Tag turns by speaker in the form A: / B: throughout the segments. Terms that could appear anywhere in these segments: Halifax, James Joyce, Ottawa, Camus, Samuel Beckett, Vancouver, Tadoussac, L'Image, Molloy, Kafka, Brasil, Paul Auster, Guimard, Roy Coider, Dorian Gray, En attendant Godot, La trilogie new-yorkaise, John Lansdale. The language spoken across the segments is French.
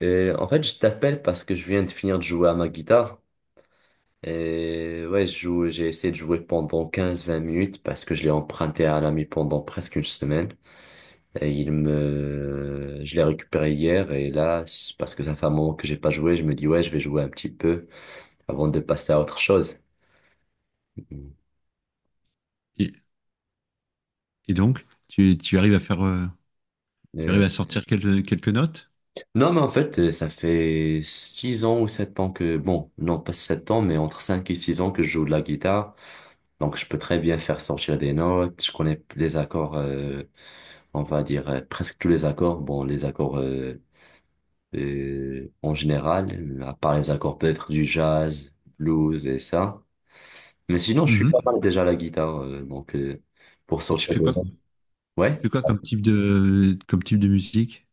A: Et en fait, je t'appelle parce que je viens de finir de jouer à ma guitare. Et ouais, je joue, j'ai essayé de jouer pendant 15-20 minutes parce que je l'ai emprunté à un ami pendant presque une semaine. Et je l'ai récupéré hier et là, c'est parce que ça fait un moment que j'ai pas joué, je me dis ouais, je vais jouer un petit peu avant de passer à autre chose.
B: Et, et donc, tu arrives à faire, tu
A: Euh,
B: arrives à sortir quelques notes.
A: Non, mais en fait, ça fait 6 ans ou 7 ans que, bon, non pas 7 ans, mais entre 5 et 6 ans que je joue de la guitare. Donc, je peux très bien faire sortir des notes. Je connais les accords, on va dire presque tous les accords. Bon, les accords en général, à part les accords peut-être du jazz, blues et ça. Mais sinon, je suis pas
B: Mhm.
A: mal déjà à la guitare, donc, pour
B: Et tu
A: sortir
B: fais
A: des
B: quoi?
A: notes.
B: Tu
A: Ouais.
B: fais quoi comme comme type de musique?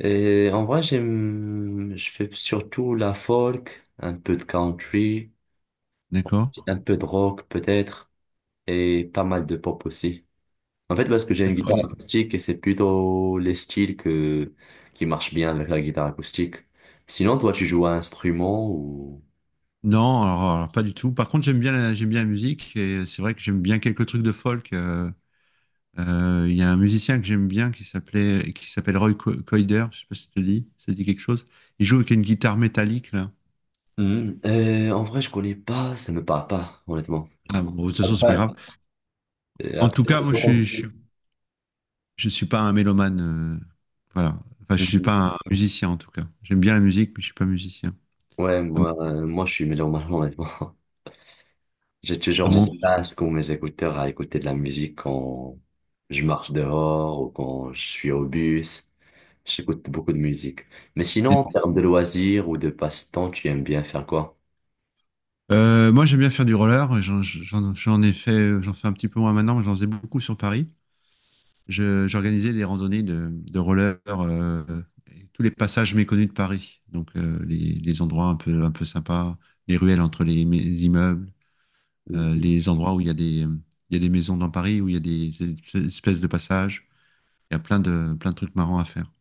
A: Et en vrai, je fais surtout la folk, un peu de country,
B: D'accord?
A: un peu de rock peut-être, et pas mal de pop aussi. En fait, parce que j'ai une
B: D'accord.
A: guitare acoustique et c'est plutôt qui marchent bien avec la guitare acoustique. Sinon, toi, tu joues à un instrument ou...
B: Non, pas du tout. Par contre, j'aime bien la musique et c'est vrai que j'aime bien quelques trucs de folk. Il y a un musicien que j'aime bien qui s'appelle Roy Coider. Je sais pas si ça te dit quelque chose. Il joue avec une guitare métallique là.
A: Hmm, en vrai, je connais pas, ça me parle pas, honnêtement.
B: Ah bon, de toute façon, c'est pas
A: Après,
B: grave. En
A: après,
B: tout cas,
A: c'est
B: moi,
A: pas
B: je suis,
A: compliqué.
B: je suis Je suis pas un mélomane, euh, voilà. Enfin, je suis
A: Mhm.
B: pas un musicien en tout cas. J'aime bien la musique, mais je suis pas musicien.
A: Ouais,
B: À mon,
A: moi, je suis mélomane, honnêtement. J'ai
B: à
A: toujours mon
B: mon-
A: casque ou mes écouteurs à écouter de la musique quand je marche dehors ou quand je suis au bus. J'écoute beaucoup de musique. Mais sinon, en
B: et-
A: termes de loisirs ou de passe-temps, tu aimes bien faire quoi?
B: Moi, j'aime bien faire du roller. J'en fais un petit peu moins maintenant, mais j'en faisais beaucoup sur Paris. J'organisais des randonnées de roller, et tous les passages méconnus de Paris. Donc, les endroits un peu sympas, les ruelles entre les immeubles,
A: Mhm.
B: les endroits où il y a des maisons dans Paris, où il y a des espèces de passages. Il y a plein de trucs marrants à faire.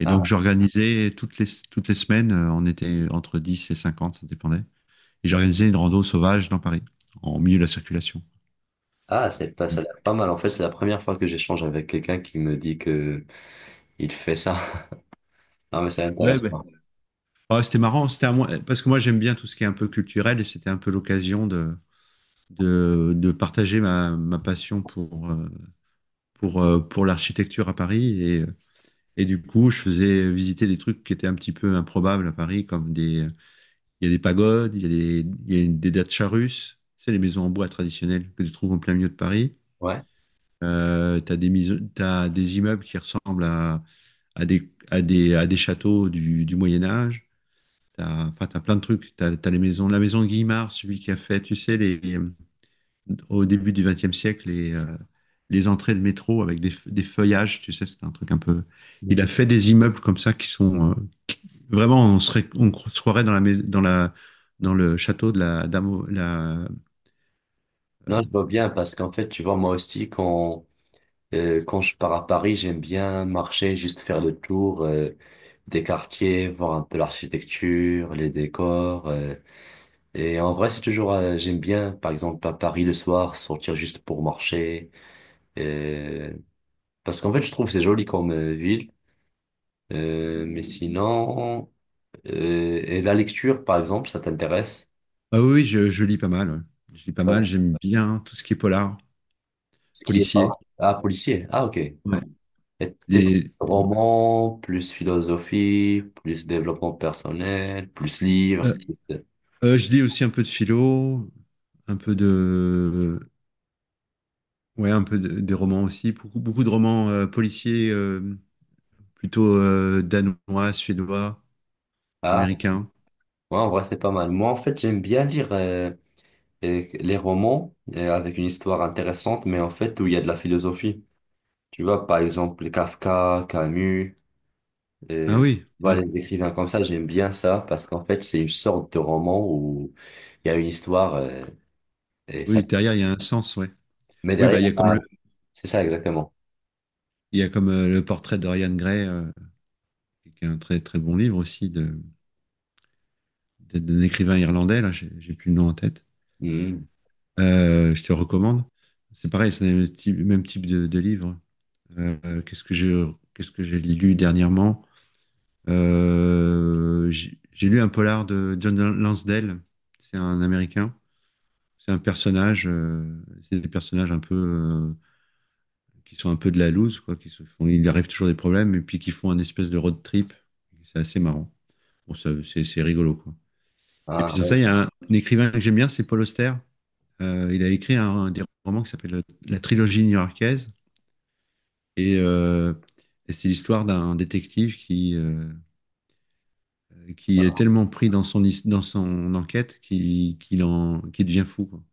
B: Et
A: Ah,
B: donc, j'organisais toutes les semaines, on était entre 10 et 50, ça dépendait. Et j'organisais une rando sauvage dans Paris, en milieu de la circulation.
A: ah, c'est pas, ça a l'air pas mal. En fait, c'est la première fois que j'échange avec quelqu'un qui me dit que il fait ça Non, mais c'est
B: Ouais, ouais.
A: intéressant.
B: Ah, c'était marrant, c'était un parce que moi j'aime bien tout ce qui est un peu culturel et c'était un peu l'occasion de partager ma passion pour, pour l'architecture à Paris. Et du coup, je faisais visiter des trucs qui étaient un petit peu improbables à Paris, il y a des pagodes, il y a des dachas russes, c'est les maisons en bois traditionnelles que tu trouves en plein milieu de Paris.
A: Ouais.
B: Tu as t'as des immeubles qui ressemblent à à des châteaux du Moyen Âge. T'as, enfin, t'as plein de trucs. T'as les maisons, la maison Guimard, celui qui a fait, tu sais, les, au début du XXe siècle, les entrées de métro avec des feuillages, tu sais, c'est un truc un peu. Il
A: Mhm.
B: a fait des immeubles comme ça qui sont vraiment, on serait, se croirait dans la, mais- dans la, dans le château de la dame.
A: Non, je vois bien parce qu'en fait, tu vois, moi aussi, quand je pars à Paris, j'aime bien marcher, juste faire le tour, des quartiers, voir un peu l'architecture, les décors. Et en vrai, j'aime bien, par exemple, à Paris le soir, sortir juste pour marcher. Euh, Parce qu'en fait, je trouve que c'est joli comme ville. Mais sinon, et la lecture, par exemple, ça t'intéresse?
B: Ah oui, oui, je lis pas mal. Ouais. Je lis pas mal.
A: Ouais.
B: J'aime bien tout ce qui est polar,
A: Ce qui est, pardon.
B: policier.
A: Ah, policier. Ah, ok. Et
B: Ouais,
A: tes
B: les- euh,
A: romans, plus philosophie, plus développement personnel, plus livres. plus-
B: je lis aussi un peu de philo, un peu de, ouais, des romans aussi, beaucoup de romans policiers, plutôt danois, suédois,
A: Ah,
B: américains.
A: ouais, en vrai, c'est pas mal. Moi, en fait, j'aime bien lire les romans avec une histoire intéressante, mais en fait, où il y a de la philosophie. Tu vois, par exemple, Kafka, Camus.
B: Ah
A: Euh,
B: oui, ouais.
A: voilà, les écrivains comme ça, j'aime bien ça parce qu'en fait, c'est une sorte de roman où il y a une histoire et ça.
B: Oui, derrière il y a un sens, ouais.
A: Mais
B: Oui,
A: derrière,
B: bah
A: là, c'est ça exactement.
B: il y a comme le portrait de Dorian Gray, qui est un très très bon livre aussi d'un écrivain irlandais. Là, j'ai plus le nom en tête.
A: Mhm.
B: Je te recommande. C'est pareil, c'est le même type de livre. Euh, qu'est-ce que j'ai qu'est-ce que j'ai lu dernièrement? J'ai lu un polar de John Lansdale. C'est un Américain. C'est un personnage. C'est des personnages un peu qui sont un peu de la loose, quoi. Qui se font, il arrive toujours des problèmes et puis qui font un espèce de road trip. C'est assez marrant. Bon, ça, c'est rigolo, quoi. Et puis
A: Ah,
B: sur
A: ouais,
B: ça, il y a un écrivain que j'aime bien, c'est Paul Auster. Il a écrit un des romans qui s'appelle La trilogie new-yorkaise. Et, euh, et c'est l'histoire d'un détective qui est
A: je-
B: tellement pris dans dans son enquête qu'il devient fou, quoi.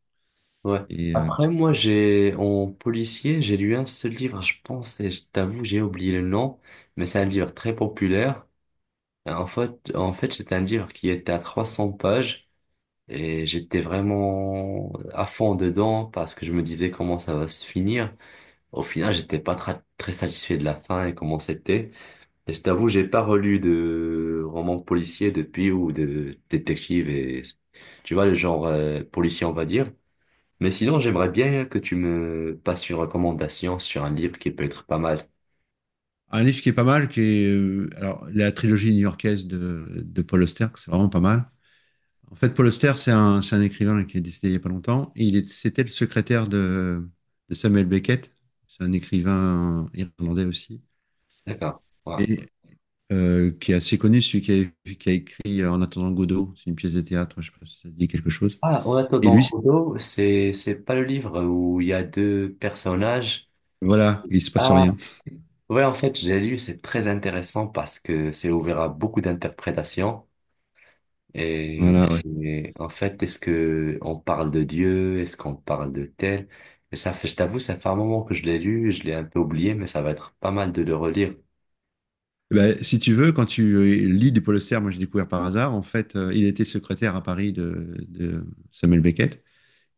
A: ouais.
B: Et,
A: Après, moi, j'ai en policier, j'ai lu un seul livre, je pense, et je t'avoue, j'ai oublié le nom, mais c'est un livre très populaire. En fait, c'est un livre qui était à 300 pages et j'étais vraiment à fond dedans parce que je me disais comment ça va se finir. Au final, j'étais pas tra- très satisfait de la fin et comment c'était. Et je t'avoue, j'ai pas relu de roman policier depuis ou de détective et tu vois le genre policier, on va dire. Mais sinon, j'aimerais bien que tu me passes une recommandation sur un livre qui peut être pas mal.
B: un livre qui est pas mal, qui est, alors, la trilogie new-yorkaise de Paul Auster, que c'est vraiment pas mal. En fait, Paul Auster, c'est c'est un écrivain là, qui est décédé il y a pas longtemps. C'était le secrétaire de Samuel Beckett. C'est un écrivain irlandais aussi.
A: D'accord. Voilà.
B: Et qui est assez connu, celui qui a écrit En attendant Godot. C'est une pièce de théâtre, je sais pas si ça dit quelque chose.
A: Ah, on attend
B: Et
A: dans
B: lui,
A: Kudo, c'est pas le livre où il y a deux personnages.
B: voilà, il se passe
A: Ah,
B: rien.
A: ouais, en fait, j'ai lu, c'est très intéressant parce que c'est ouvert à beaucoup d'interprétations. Et,
B: Voilà, ouais.
A: et en fait, est-ce que on parle de Dieu? Est-ce qu'on parle de tel? Et ça fait, je t'avoue, ça fait un moment que je l'ai lu, je l'ai un peu oublié, mais ça va être pas mal de le relire.
B: Eh ben, si tu veux, quand tu lis du Polester, moi j'ai découvert par hasard, en fait, il était secrétaire à Paris de Samuel Beckett.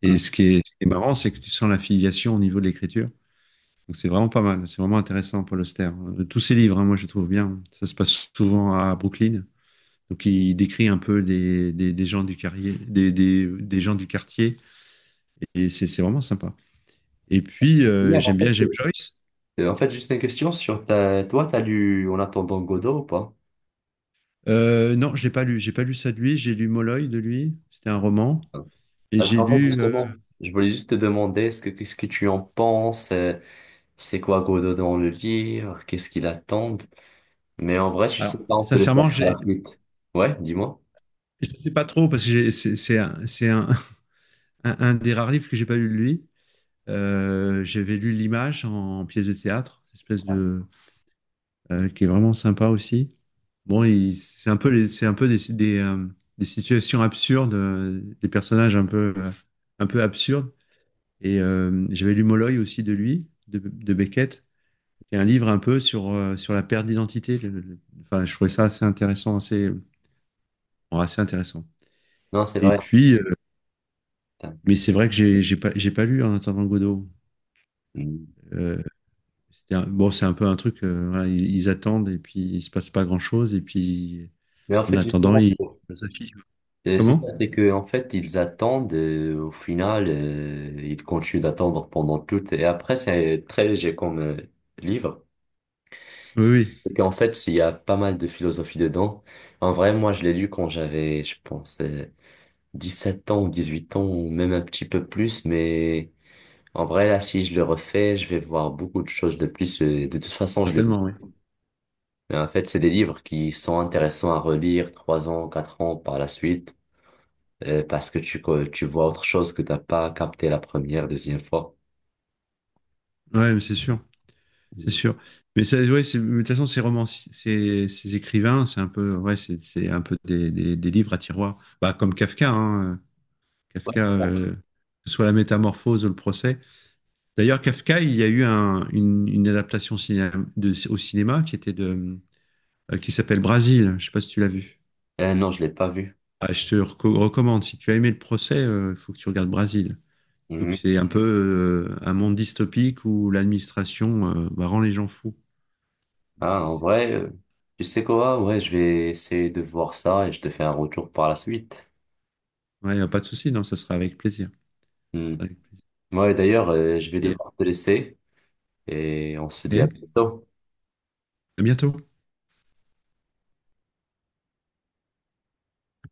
B: Et
A: Mm.
B: ce qui est marrant, c'est que tu sens l'affiliation au niveau de l'écriture. Donc c'est vraiment pas mal, c'est vraiment intéressant, Paul Auster. Tous ses livres, hein, moi je les trouve bien. Ça se passe souvent à Brooklyn. Donc il décrit un peu des gens, du quartier, des gens du quartier. Et c'est vraiment sympa. Et puis
A: Hier, en
B: j'aime bien James
A: fait,
B: Joyce.
A: juste une question sur toi, t'as lu En attendant Godot ou pas?
B: Non, j'ai pas lu. J'ai pas lu ça de lui. J'ai lu Molloy de lui. C'était un roman.
A: Non.
B: Et
A: Parce
B: j'ai
A: qu'en fait,
B: lu.
A: justement, je voulais juste te demander, qu'est-ce que tu en penses? C'est quoi Godot dans le livre? Qu'est-ce qu'il attend? Mais en vrai, je sais pas, on peut le faire
B: Sincèrement,
A: à la suite. Ouais, dis-moi.
B: je ne sais pas trop parce que c'est un des rares livres que j'ai pas lu de lui. J'avais lu L'Image en, pièce de théâtre, cette espèce de qui est vraiment sympa aussi. Bon, c'est un peu c'est un peu des situations absurdes, des personnages un peu absurdes. Et j'avais lu Molloy aussi de lui, de Beckett, qui est un livre un peu sur, sur la perte d'identité. Enfin, je trouvais ça assez intéressant, assez, bon, assez intéressant.
A: Non, c'est
B: Et
A: vrai.
B: puis, mais c'est vrai que j'ai pas lu En attendant Godot.
A: Putain.
B: Euh, bon, c'est un peu un truc, voilà, ils attendent et puis il se passe pas grand-chose. Et puis,
A: Mais en
B: en
A: fait,
B: attendant,
A: justement,
B: ils philosophient.
A: c'est ça,
B: Comment?
A: en fait, ils attendent, au final, ils continuent d'attendre pendant tout, et après, c'est très léger comme livre.
B: Oui, oui,
A: Et qu'en fait, il y a pas mal de philosophie dedans. En vrai, moi, je l'ai lu quand j'avais, je pense, 7 ans ou 18 ans, ou même un petit peu plus, mais en vrai, là, si je le refais, je vais voir beaucoup de choses de plus. De toute façon, je le...
B: certainement, oui.
A: Mais en fait, c'est des livres qui sont intéressants à relire 3 ans, 4 ans par la suite. Parce que tu vois autre chose que t'as pas capté la première, deuxième fois.
B: Ouais, mais c'est sûr, c'est
A: Mm.
B: sûr. Mais ça, ouais, mais de toute façon, ces romans, ces écrivains, c'est un peu, ouais, c'est un peu des livres à tiroir. Bah, comme Kafka, hein.
A: Ouais,
B: Kafka,
A: c'est ça.
B: que ce soit La Métamorphose ou Le Procès. D'ailleurs, Kafka, il y a eu une adaptation au cinéma qui était qui s'appelle Brasil. Je ne sais pas si tu l'as vu.
A: Non, je l'ai pas vu.
B: Ah, je te recommande. Si tu as aimé Le Procès, il faut que tu regardes Brasil. Donc
A: Mhm.
B: c'est un peu un monde dystopique où l'administration bah, rend les gens fous.
A: Ah, en vrai, tu sais quoi? Ouais, je vais essayer de voir ça et je te fais un retour par la suite.
B: Ouais, y a pas de souci, non, ça sera avec plaisir. Ça
A: Mhm.
B: sera avec plaisir.
A: Ouais, d'ailleurs, je vais
B: Et
A: devoir te laisser et on se dit à
B: ok,
A: bientôt.
B: à bientôt.